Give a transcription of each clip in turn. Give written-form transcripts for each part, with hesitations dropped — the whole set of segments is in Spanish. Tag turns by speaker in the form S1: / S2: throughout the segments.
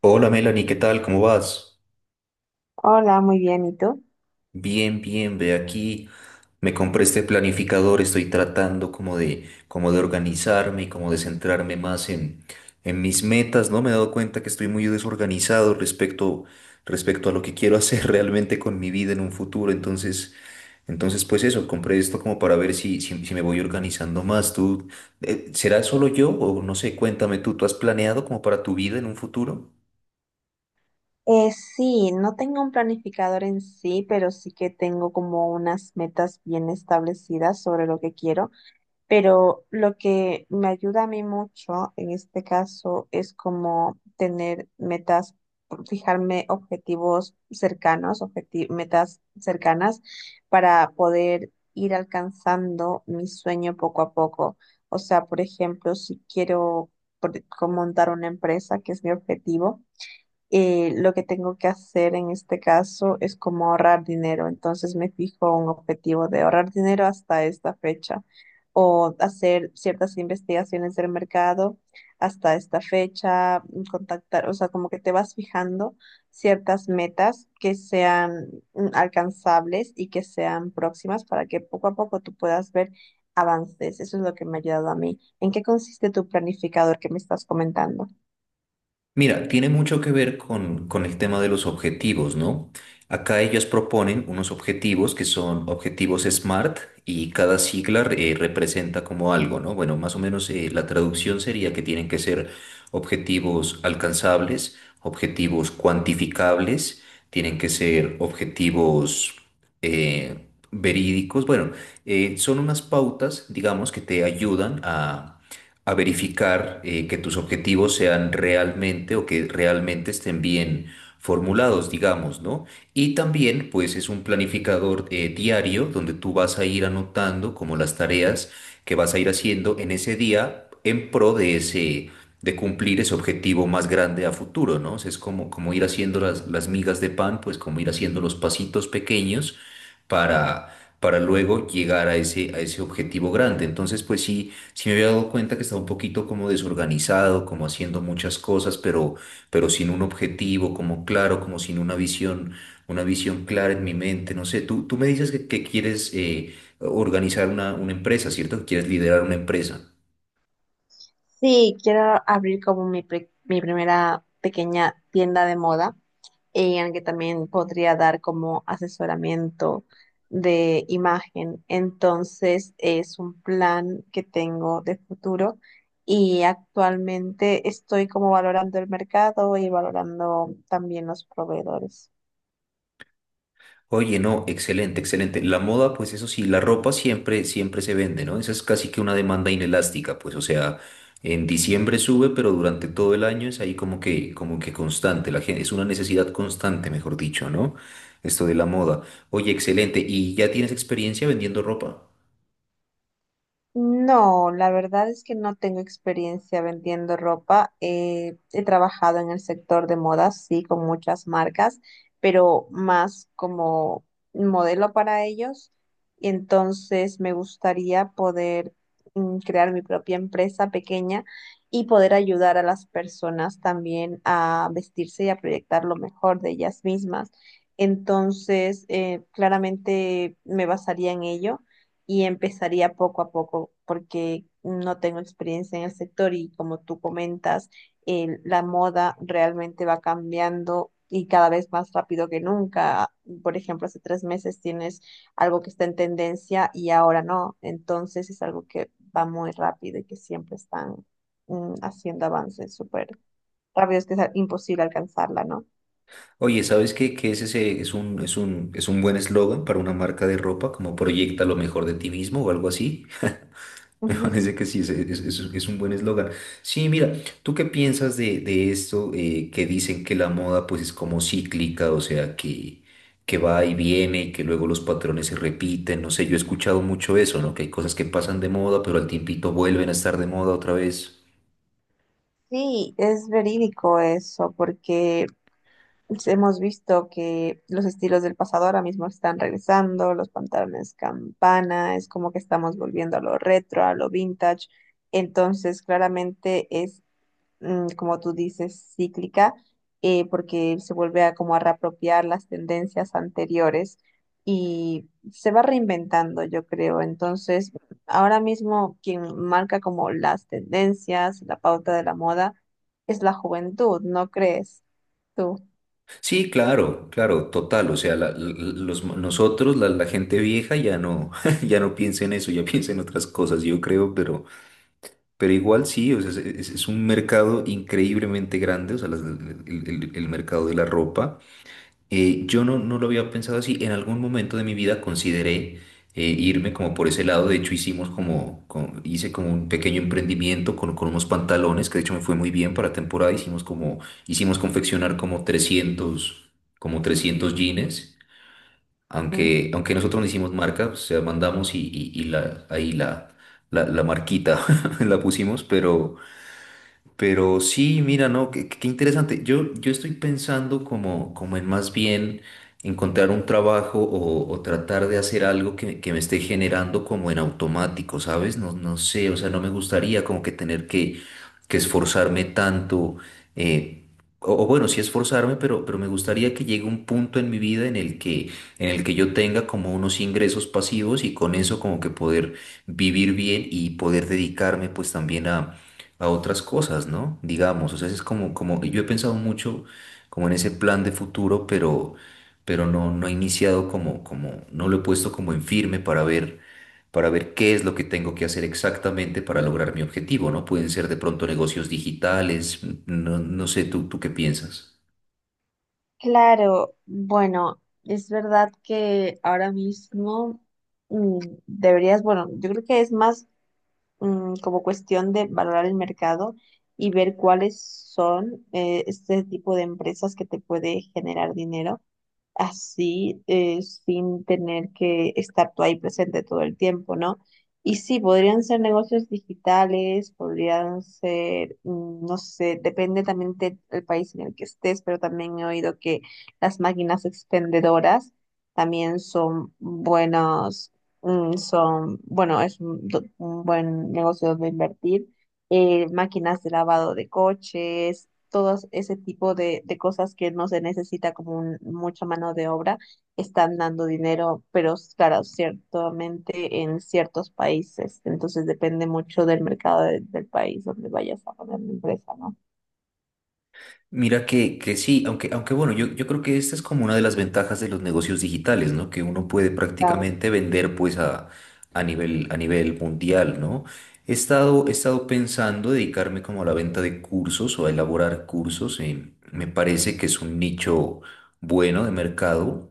S1: Hola Melanie, ¿qué tal? ¿Cómo vas?
S2: Hola, muy bien, ¿y tú?
S1: Bien, bien, ve aquí. Me compré este planificador, estoy tratando como de organizarme y como de centrarme más en mis metas, ¿no? Me he dado cuenta que estoy muy desorganizado respecto a lo que quiero hacer realmente con mi vida en un futuro. Entonces pues eso, compré esto como para ver si me voy organizando más. ¿Tú, será solo yo o no sé? Cuéntame tú, ¿tú has planeado como para tu vida en un futuro?
S2: Sí, no tengo un planificador en sí, pero sí que tengo como unas metas bien establecidas sobre lo que quiero, pero lo que me ayuda a mí mucho en este caso es como tener metas, fijarme objetivos cercanos, metas cercanas para poder ir alcanzando mi sueño poco a poco. O sea, por ejemplo, si quiero como montar una empresa, que es mi objetivo. Lo que tengo que hacer en este caso es como ahorrar dinero. Entonces me fijo un objetivo de ahorrar dinero hasta esta fecha o hacer ciertas investigaciones del mercado hasta esta fecha, contactar, o sea, como que te vas fijando ciertas metas que sean alcanzables y que sean próximas para que poco a poco tú puedas ver avances. Eso es lo que me ha ayudado a mí. ¿En qué consiste tu planificador que me estás comentando?
S1: Mira, tiene mucho que ver con el tema de los objetivos, ¿no? Acá ellos proponen unos objetivos que son objetivos SMART y cada sigla representa como algo, ¿no? Bueno, más o menos la traducción sería que tienen que ser objetivos alcanzables, objetivos cuantificables, tienen que ser objetivos verídicos. Bueno, son unas pautas, digamos, que te ayudan a verificar que tus objetivos sean realmente o que realmente estén bien formulados, digamos, ¿no? Y también, pues, es un planificador diario donde tú vas a ir anotando como las tareas que vas a ir haciendo en ese día en pro de ese, de cumplir ese objetivo más grande a futuro, ¿no? O sea, es como ir haciendo las migas de pan, pues como ir haciendo los pasitos pequeños para, para luego llegar a ese, objetivo grande. Entonces, pues sí me había dado cuenta que estaba un poquito como desorganizado, como haciendo muchas cosas, pero sin un objetivo, como claro, como sin una visión clara en mi mente. No sé, tú me dices que quieres organizar una empresa, ¿cierto? Que quieres liderar una empresa.
S2: Sí, quiero abrir como mi, mi primera pequeña tienda de moda, en la que también podría dar como asesoramiento de imagen. Entonces, es un plan que tengo de futuro y actualmente estoy como valorando el mercado y valorando también los proveedores.
S1: Oye, no, excelente, excelente. La moda, pues eso sí, la ropa siempre, siempre se vende, ¿no? Esa es casi que una demanda inelástica, pues, o sea, en diciembre sube, pero durante todo el año es ahí como que constante, la gente, es una necesidad constante, mejor dicho, ¿no? Esto de la moda. Oye, excelente. ¿Y ya tienes experiencia vendiendo ropa?
S2: No, la verdad es que no tengo experiencia vendiendo ropa. He trabajado en el sector de moda, sí, con muchas marcas, pero más como modelo para ellos. Y entonces me gustaría poder crear mi propia empresa pequeña y poder ayudar a las personas también a vestirse y a proyectar lo mejor de ellas mismas. Entonces, claramente me basaría en ello y empezaría poco a poco porque no tengo experiencia en el sector y como tú comentas, la moda realmente va cambiando y cada vez más rápido que nunca. Por ejemplo, hace 3 meses tienes algo que está en tendencia y ahora no. Entonces es algo que va muy rápido y que siempre están haciendo avances súper rápidos que es imposible alcanzarla, ¿no?
S1: Oye, ¿sabes qué? Que es ese es un, es un, es un buen eslogan para una marca de ropa, como proyecta lo mejor de ti mismo o algo así. Me parece que sí, es un buen eslogan. Sí, mira, ¿tú qué piensas de esto que dicen que la moda pues es como cíclica, o sea, que va y viene y que luego los patrones se repiten? No sé, yo he escuchado mucho eso, ¿no? Que hay cosas que pasan de moda, pero al tiempito vuelven a estar de moda otra vez.
S2: Sí, es verídico eso, porque pues, hemos visto que los estilos del pasado ahora mismo están regresando, los pantalones campana, es como que estamos volviendo a lo retro, a lo vintage. Entonces, claramente es, como tú dices, cíclica, porque se vuelve a como a reapropiar las tendencias anteriores y se va reinventando, yo creo. Entonces, ahora mismo quien marca como las tendencias, la pauta de la moda, es la juventud, ¿no crees tú?
S1: Sí, claro, claro, total. O sea, los, nosotros, la gente vieja, ya no, ya no piensa en eso, ya piensa en otras cosas, yo creo, pero. Pero igual sí, o sea, es un mercado increíblemente grande, o sea, el mercado de la ropa. Yo no lo había pensado así. En algún momento de mi vida consideré irme como por ese lado. De hecho, hice como un pequeño emprendimiento con unos pantalones, que de hecho me fue muy bien para temporada. Hicimos confeccionar como 300 jeans. Aunque nosotros no hicimos marca, o sea, mandamos y ahí la marquita la pusimos, pero. Pero sí, mira, no, qué interesante. Yo estoy pensando como en más bien encontrar un trabajo o tratar de hacer algo que me esté generando como en automático, ¿sabes? No sé, o sea, no me gustaría como que tener que esforzarme tanto, eh, o bueno, sí esforzarme, pero me gustaría que llegue un punto en mi vida en el que yo tenga como unos ingresos pasivos y con eso como que poder vivir bien y poder dedicarme pues también a otras cosas, ¿no? Digamos, o sea, es como, yo he pensado mucho como en ese plan de futuro, pero no he iniciado como, no lo he puesto como en firme para ver, qué es lo que tengo que hacer exactamente para lograr mi objetivo, ¿no? Pueden ser de pronto negocios digitales, no sé, ¿tú qué piensas?
S2: Claro, bueno, es verdad que ahora mismo mm, deberías, bueno, yo creo que es más como cuestión de valorar el mercado y ver cuáles son este tipo de empresas que te puede generar dinero así, sin tener que estar tú ahí presente todo el tiempo, ¿no? Y sí, podrían ser negocios digitales, podrían ser, no sé, depende también del país en el que estés, pero también he oído que las máquinas expendedoras también son buenos, son, bueno, es un, un buen negocio donde invertir. Eh, máquinas de lavado de coches, todos ese tipo de cosas que no se necesita como mucha mano de obra, están dando dinero, pero claro, ciertamente en ciertos países. Entonces depende mucho del mercado del país donde vayas a poner la empresa, ¿no?
S1: Mira que sí, aunque bueno, yo creo que esta es como una de las ventajas de los negocios digitales, ¿no? Que uno puede
S2: Claro.
S1: prácticamente vender pues a nivel mundial, ¿no? He estado pensando dedicarme como a la venta de cursos o a elaborar cursos. Me parece que es un nicho bueno de mercado.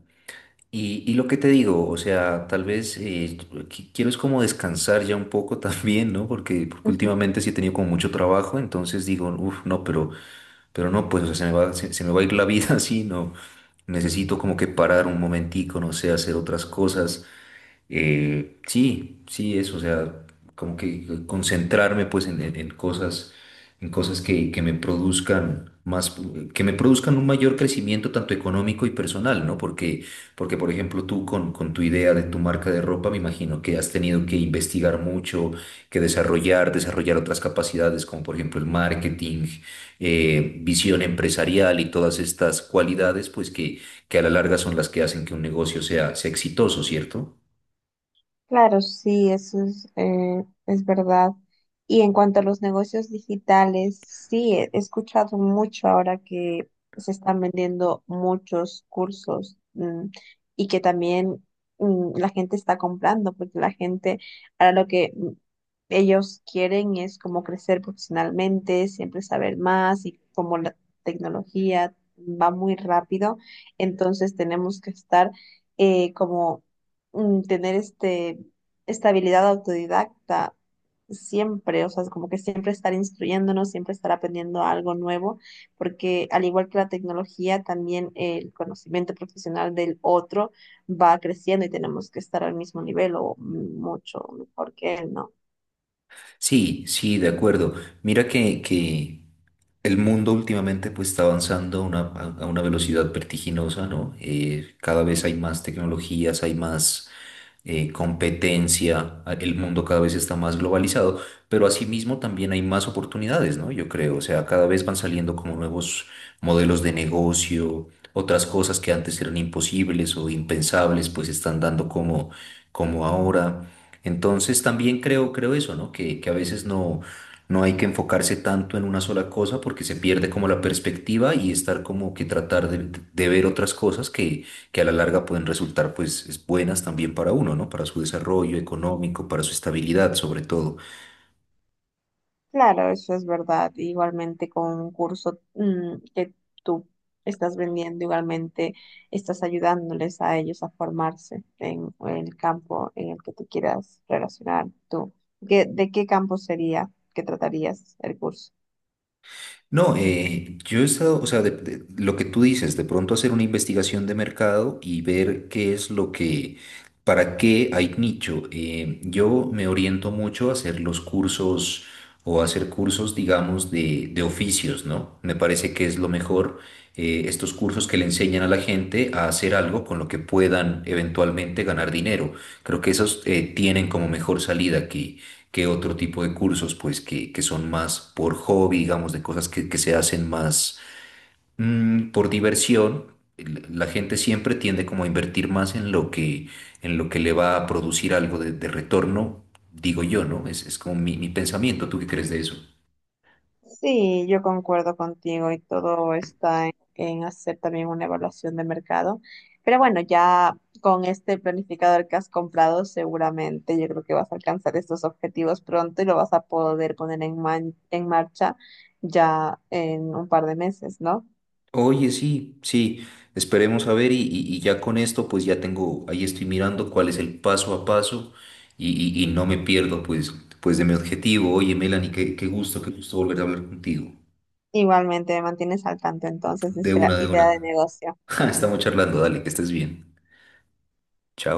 S1: Y lo que te digo, o sea, tal vez quiero es como descansar ya un poco también, ¿no? Porque últimamente sí he tenido como mucho trabajo, entonces digo, uff, no, pero. Pero no, pues, o sea, se me va a ir la vida así, ¿no? Necesito como que parar un momentico, no sé, hacer otras cosas sí, sí, eso, o sea, como que concentrarme pues en cosas, en cosas que me produzcan más, que me produzcan un mayor crecimiento tanto económico y personal, ¿no? Porque por ejemplo, tú con tu idea de tu marca de ropa, me imagino que has tenido que investigar mucho, que desarrollar otras capacidades, como por ejemplo el marketing, visión empresarial y todas estas cualidades, pues que a la larga son las que hacen que un negocio sea exitoso, ¿cierto?
S2: Claro, sí, eso es verdad. Y en cuanto a los negocios digitales, sí, he escuchado mucho ahora que se están vendiendo muchos cursos, y que también, la gente está comprando, porque la gente, ahora lo que ellos quieren es como crecer profesionalmente, siempre saber más y como la tecnología va muy rápido, entonces tenemos que estar como tener este, esta habilidad autodidacta siempre, o sea, es como que siempre estar instruyéndonos, siempre estar aprendiendo algo nuevo, porque al igual que la tecnología, también el conocimiento profesional del otro va creciendo y tenemos que estar al mismo nivel o mucho mejor que él, ¿no?
S1: Sí, sí, de acuerdo. Mira que el mundo últimamente pues está avanzando a una velocidad vertiginosa, ¿no? Cada vez hay más tecnologías, hay más competencia, el mundo cada vez está más globalizado, pero asimismo también hay más oportunidades, ¿no? Yo creo, o sea, cada vez van saliendo como nuevos modelos de negocio, otras cosas que antes eran imposibles o impensables, pues están dando como ahora. Entonces también creo eso, ¿no? Que a veces no hay que enfocarse tanto en una sola cosa porque se pierde como la perspectiva y estar como que tratar de ver otras cosas que a la larga pueden resultar pues es buenas también para uno, ¿no? Para su desarrollo económico, para su estabilidad sobre todo.
S2: Claro, eso es verdad. Igualmente con un curso que tú estás vendiendo, igualmente estás ayudándoles a ellos a formarse en el campo en el que tú quieras relacionar tú. De qué campo sería que tratarías el curso?
S1: No, yo he estado, o sea, lo que tú dices, de pronto hacer una investigación de mercado y ver qué es lo que, para qué hay nicho. Yo me oriento mucho a hacer los cursos o a hacer cursos, digamos, de oficios, ¿no? Me parece que es lo mejor, estos cursos que le enseñan a la gente a hacer algo con lo que puedan eventualmente ganar dinero. Creo que esos tienen como mejor salida aquí que otro tipo de cursos, pues que son más por hobby, digamos, de cosas que se hacen más por diversión. La gente siempre tiende como a invertir más en lo que, le va a producir algo de retorno, digo yo, ¿no? Es como mi pensamiento. ¿Tú qué crees de eso?
S2: Sí, yo concuerdo contigo y todo está en hacer también una evaluación de mercado. Pero bueno, ya con este planificador que has comprado, seguramente yo creo que vas a alcanzar estos objetivos pronto y lo vas a poder poner en, en marcha ya en un par de meses, ¿no?
S1: Oye, sí, sí, esperemos a ver y ya con esto pues ya tengo, ahí estoy mirando cuál es el paso a paso y no me pierdo pues, de mi objetivo. Oye, Melanie, qué gusto, qué gusto volver a hablar contigo.
S2: Igualmente me mantienes al tanto entonces de
S1: De
S2: esa
S1: una, de
S2: idea de
S1: una.
S2: negocio.
S1: Estamos charlando, dale, que estés bien. Chao.